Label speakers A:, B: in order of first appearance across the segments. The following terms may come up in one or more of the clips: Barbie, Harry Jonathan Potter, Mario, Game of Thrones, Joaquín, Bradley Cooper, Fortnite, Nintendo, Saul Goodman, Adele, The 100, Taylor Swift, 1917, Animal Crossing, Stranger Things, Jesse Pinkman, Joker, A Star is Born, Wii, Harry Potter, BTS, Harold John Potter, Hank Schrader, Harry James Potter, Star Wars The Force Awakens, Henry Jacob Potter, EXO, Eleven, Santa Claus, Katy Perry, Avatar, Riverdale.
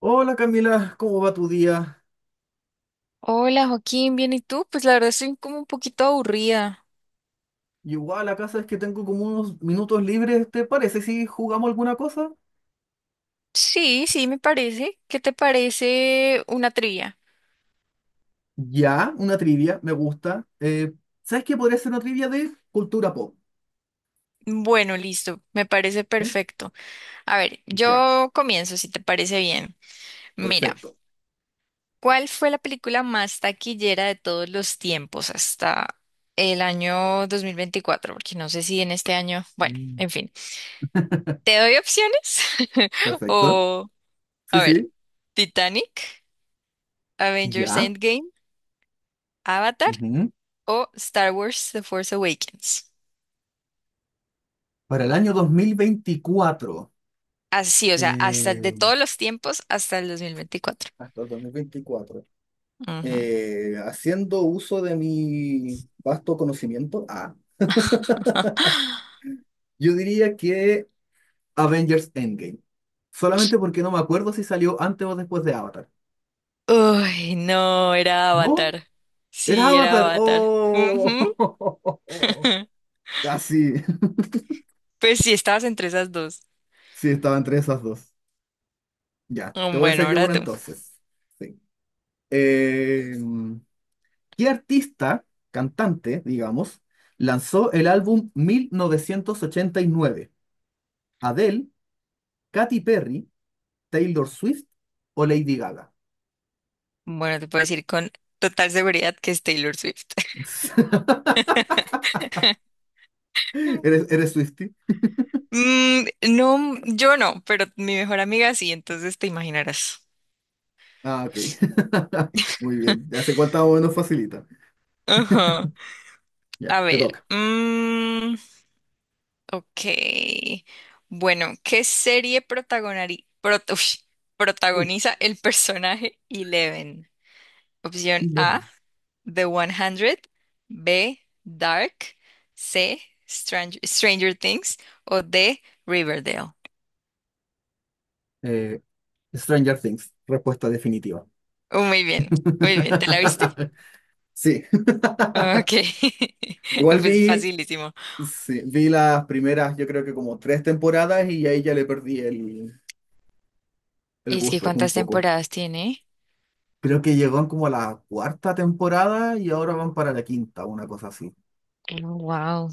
A: Hola Camila, ¿cómo va tu día?
B: Hola Joaquín, bien, ¿y tú? Pues la verdad estoy como un poquito aburrida.
A: Igual acá sabes que tengo como unos minutos libres, ¿te parece si jugamos alguna cosa?
B: Sí, sí, me parece. ¿Qué te parece una trivia?
A: Ya, una trivia, me gusta. ¿Sabes qué podría ser una trivia de cultura pop?
B: Bueno, listo, me parece
A: ¿Eh?
B: perfecto. A ver,
A: Ya,
B: yo comienzo, si te parece bien. Mira,
A: perfecto.
B: ¿cuál fue la película más taquillera de todos los tiempos hasta el año 2024? Porque no sé si en este año, bueno,
A: Mm.
B: en fin. ¿Te doy opciones?
A: Perfecto.
B: O,
A: Sí,
B: a ver,
A: sí.
B: Titanic, Avengers
A: Ya.
B: Endgame, Avatar
A: Ujú.
B: o Star Wars The Force Awakens.
A: Para el año 2024.
B: Así, o sea, hasta
A: eh,
B: de todos los tiempos hasta el 2024.
A: Hasta el 2024.
B: Ujú.
A: Haciendo uso de mi vasto conocimiento, yo diría que Avengers Endgame. Solamente porque no me acuerdo si salió antes o después de Avatar.
B: Uy, no, era
A: ¿No?
B: Avatar.
A: ¿Era
B: Sí, era
A: Avatar?
B: Avatar. Ujú.
A: ¡Oh! Casi.
B: Pues sí, estabas entre esas dos.
A: Sí, estaba entre esas dos. Ya, te voy a
B: Bueno,
A: hacer yo
B: ahora
A: una
B: tú.
A: entonces. Sí. Eh, ¿Qué artista, cantante, digamos, lanzó el álbum 1989? ¿Adele, Katy Perry, Taylor Swift o Lady Gaga?
B: Bueno, te puedo decir con total seguridad que es Taylor Swift.
A: ¿Eres Swifty?
B: Mm, no, yo no, pero mi mejor amiga sí, entonces te imaginarás.
A: Ah, ok. Muy bien. Ya sé cuánta o menos facilita.
B: Ajá.
A: Ya,
B: A
A: te
B: ver.
A: toca.
B: Ok. Bueno, ¿qué serie
A: Uy,
B: protagoniza el personaje Eleven? Opción A,
A: Eleven.
B: The 100; B, Dark; C, Stranger Things; o D, Riverdale.
A: Eh, Stranger Things, respuesta definitiva.
B: Oh, muy bien, muy bien. ¿Te la viste?
A: Sí,
B: Ok.
A: igual
B: Pues
A: vi,
B: facilísimo.
A: sí, vi las primeras, yo creo que como tres temporadas y ahí ya le perdí el
B: Es que
A: gusto un
B: ¿cuántas
A: poco.
B: temporadas tiene?
A: Creo que llegaron como a la cuarta temporada y ahora van para la quinta, una cosa así.
B: Wow.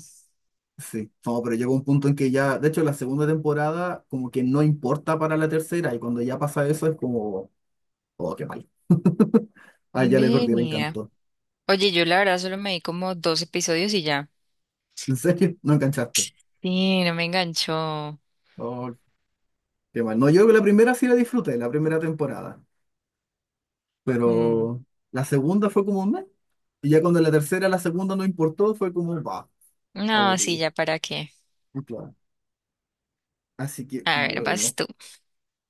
A: Sí, no, pero llegó un punto en que ya, de hecho, la segunda temporada como que no importa para la tercera y cuando ya pasa eso es como... Oh, qué mal. Ah, ya le perdí el
B: Venía.
A: encanto.
B: Oye, yo la verdad solo me di como dos episodios y ya.
A: ¿En serio? ¿No enganchaste?
B: Sí, no me enganchó.
A: Oh, qué mal. No, yo la primera sí la disfruté, la primera temporada.
B: Mm,
A: Pero la segunda fue como un mes. Y ya cuando la tercera, la segunda no importó, fue como, va,
B: no, sí,
A: aburrido.
B: ya para qué.
A: Y claro. Así que,
B: A ver, vas
A: bueno,
B: tú.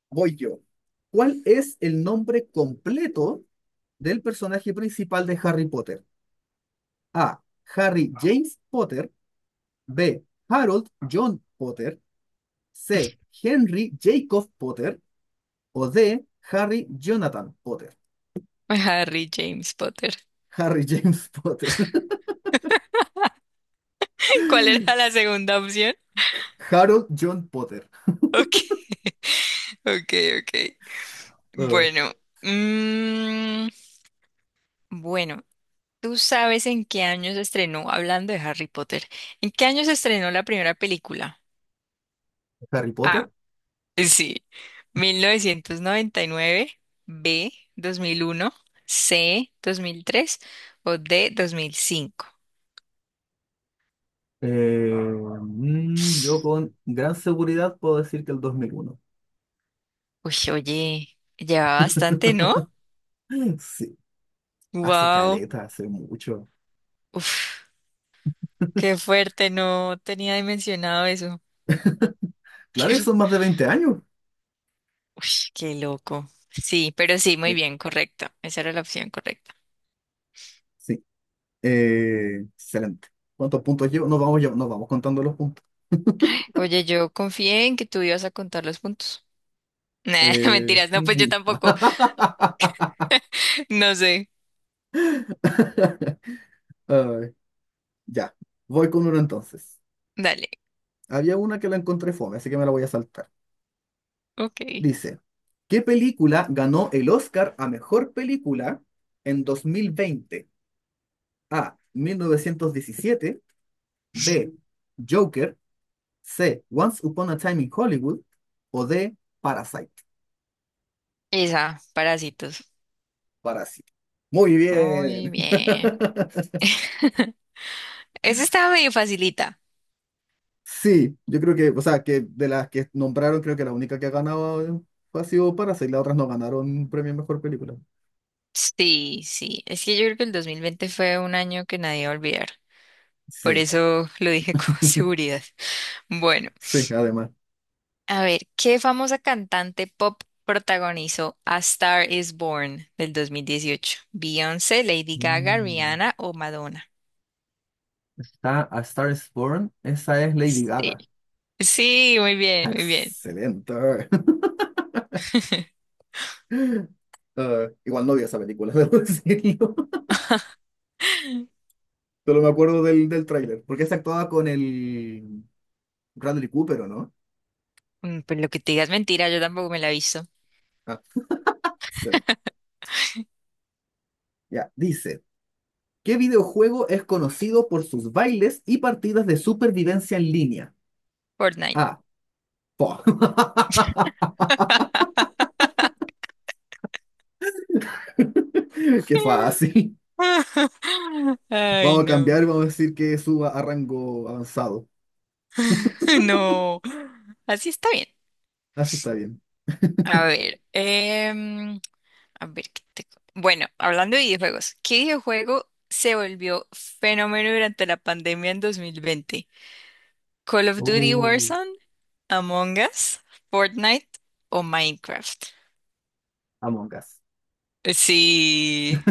A: voy yo. ¿Cuál es el nombre completo del personaje principal de Harry Potter? A. Harry James Potter. B. Harold John Potter. C. Henry Jacob Potter. O D. Harry Jonathan Potter.
B: Harry James Potter.
A: Harry James Potter.
B: ¿Cuál era la segunda opción?
A: Harold John Potter.
B: Ok, ok, ok.
A: Eh,
B: Bueno, mm, bueno, ¿tú sabes en qué año se estrenó, hablando de Harry Potter, en qué año se estrenó la primera película?
A: Harry
B: A,
A: Potter.
B: sí, 1999. B, 2001. C, 2003. O D, 2005.
A: Eh, yo con gran seguridad puedo decir que el 2001.
B: Uy, oye, lleva bastante, ¿no?
A: Sí, hace
B: Wow.
A: caleta, hace mucho.
B: Uf, qué fuerte, no tenía dimensionado eso.
A: Claro que
B: Qué,
A: son más de 20 años.
B: uy, qué loco. Sí, pero sí, muy
A: Sí,
B: bien, correcto. Esa era la opción correcta.
A: sí. Excelente. ¿Cuántos puntos llevo? Nos vamos, nos vamos contando los puntos.
B: Oye, yo confié en que tú ibas a contar los puntos. Nah, mentiras, no, pues yo
A: Ujú.
B: tampoco. No sé.
A: Ay, ya, voy con uno entonces.
B: Dale.
A: Había una que la encontré fome, así que me la voy a saltar.
B: Ok.
A: Dice, ¿qué película ganó el Oscar a mejor película en 2020? A. 1917, B. Joker, C. Once Upon a Time in Hollywood o D. Parasite.
B: Esa, parásitos.
A: Parasite. Muy
B: Muy
A: bien.
B: bien. Esa estaba medio facilita.
A: Sí, yo creo que, o sea, que de las que nombraron, creo que la única que ha ganado ha sido Parasite, las otras no ganaron premio a mejor película.
B: Sí, sí. Es que yo creo que el 2020 fue un año que nadie va a olvidar. Por
A: Sí.
B: eso lo dije con seguridad. Bueno,
A: Sí, además.
B: a ver, ¿qué famosa cantante pop protagonizó A Star is Born del 2018? ¿Beyoncé, Lady Gaga,
A: Mm.
B: Rihanna o Madonna?
A: Está A Star is Born. Esa es Lady
B: Sí,
A: Gaga.
B: sí, muy bien, muy bien.
A: Excelente. Ah, igual no vi esa película, debo decirlo. Solo me acuerdo del tráiler. Porque se actuaba con el Bradley Cooper, ¿o no?
B: Mm, pues lo que te digas mentira, yo tampoco me la he visto.
A: Ah, excelente. Ya, dice, ¿qué videojuego es conocido por sus bailes y partidas de supervivencia en línea?
B: Fortnite.
A: Ah, po. Qué fácil.
B: Ay,
A: Vamos a
B: no.
A: cambiar, y vamos a decir que suba a rango avanzado.
B: No. Así está bien.
A: Así está bien.
B: A ver, a ver, ¿qué te bueno, hablando de videojuegos, ¿qué videojuego se volvió fenómeno durante la pandemia en 2020? ¿Call of Duty
A: Oh.
B: Warzone, Among Us, Fortnite o Minecraft?
A: Among Us.
B: Sí,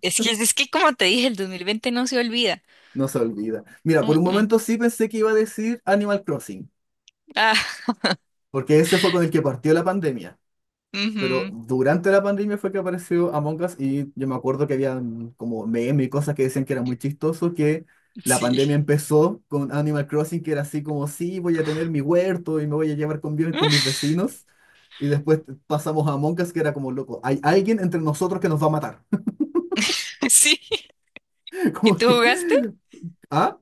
B: es que como te dije, el 2020 no se olvida.
A: No se olvida. Mira, por
B: Mm,
A: un
B: mm.
A: momento sí pensé que iba a decir Animal Crossing,
B: Ah,
A: porque ese fue con el que partió la pandemia. Pero
B: ujú,
A: durante la pandemia fue que apareció Among Us y yo me acuerdo que había como memes y cosas que decían que era muy chistoso, que la
B: sí.
A: pandemia empezó con Animal Crossing, que era así como, sí, voy a tener mi huerto y me voy a llevar con bien con mis vecinos. Y después pasamos a Among Us, que era como, loco, hay alguien entre nosotros que nos va a matar.
B: Sí. ¿Y
A: Como
B: tú
A: que,
B: jugaste?
A: ah,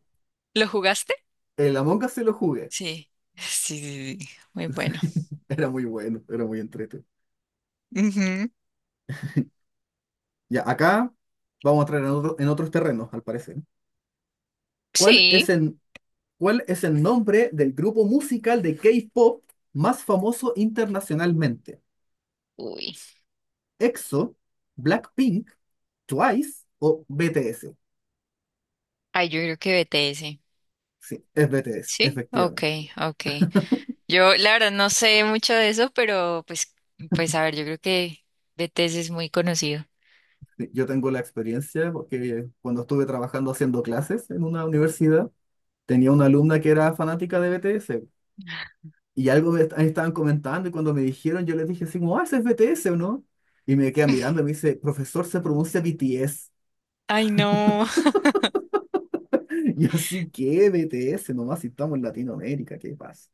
B: ¿Lo jugaste?
A: el Among Us se lo jugué.
B: Sí. Sí, sí, sí. Muy bueno.
A: Era muy bueno, era muy entretenido.
B: Ujú.
A: Ya, acá vamos a entrar en, en otros terrenos, al parecer. ¿Cuál
B: Sí.
A: es cuál es el nombre del grupo musical de K-pop más famoso internacionalmente?
B: Uy.
A: ¿EXO, Blackpink, Twice o BTS?
B: Ay, yo creo que BTS.
A: Sí, es BTS,
B: Sí,
A: efectivamente.
B: okay, okay. Yo la verdad no sé mucho de eso, pero pues, pues a ver, yo creo que BTS es muy conocido.
A: Sí, yo tengo la experiencia porque cuando estuve trabajando haciendo clases en una universidad, tenía una alumna que era fanática de BTS. Y algo me estaban comentando y cuando me dijeron, yo les dije así como, ah, ese es BTS o no. Y me quedan mirando y me dice, profesor, se pronuncia BTS.
B: Ay, no,
A: Y yo así, ¿qué BTS? Nomás si estamos en Latinoamérica, ¿qué pasa?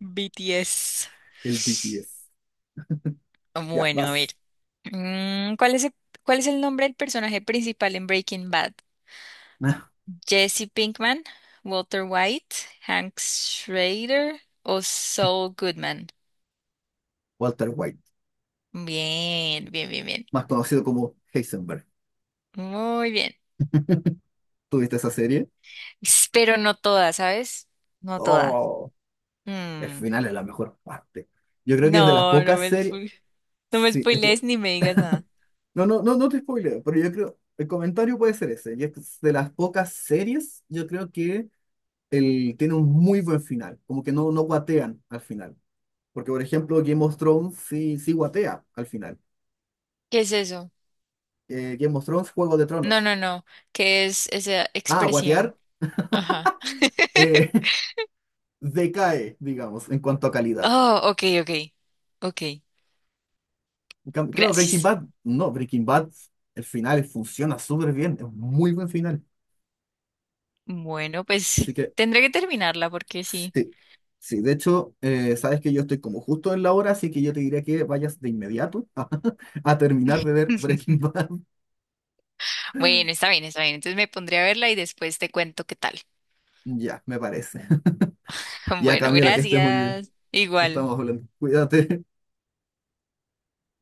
B: BTS.
A: El BTS. Ya,
B: Bueno, a ver.
A: vas.
B: ¿Cuál es cuál es el nombre del personaje principal en Breaking Bad?
A: Ah,
B: ¿Jesse Pinkman, Walter White, Hank Schrader o Saul Goodman?
A: Walter White,
B: Bien, bien, bien, bien.
A: más conocido como Heisenberg.
B: Muy bien.
A: ¿Tuviste esa serie?
B: S- Pero no toda, ¿sabes? No toda.
A: Oh, el final es la mejor parte. Yo creo que es de las
B: No,
A: pocas series.
B: no me
A: Sí, es que.
B: spoilees ni me digas nada.
A: No, no, no, no te spoileo, pero yo creo. El comentario puede ser ese. Y es de las pocas series, yo creo que el, tiene un muy buen final, como que no, no guatean al final. Porque, por ejemplo, Game of Thrones sí, sí guatea al final.
B: ¿Qué es eso?
A: Game of Thrones, Juego de
B: No,
A: Tronos.
B: no, no. ¿Qué es esa
A: Ah, guatear
B: expresión? Ajá.
A: eh, decae, digamos, en cuanto a calidad.
B: Oh, ok, ok. Ok,
A: Claro, Breaking
B: gracias.
A: Bad, no, Breaking Bad, el final funciona súper bien, es un muy buen final.
B: Bueno,
A: Así
B: pues
A: que,
B: tendré que terminarla porque sí.
A: sí, sí, de hecho, sabes que yo estoy como justo en la hora, así que yo te diría que vayas de inmediato a, terminar de ver Breaking Bad.
B: Bueno, está bien, está bien. Entonces me pondré a verla y después te cuento qué tal.
A: Ya, me parece. Ya,
B: Bueno,
A: Camila, que estés muy bien.
B: gracias. Igual.
A: Estamos hablando. Cuídate.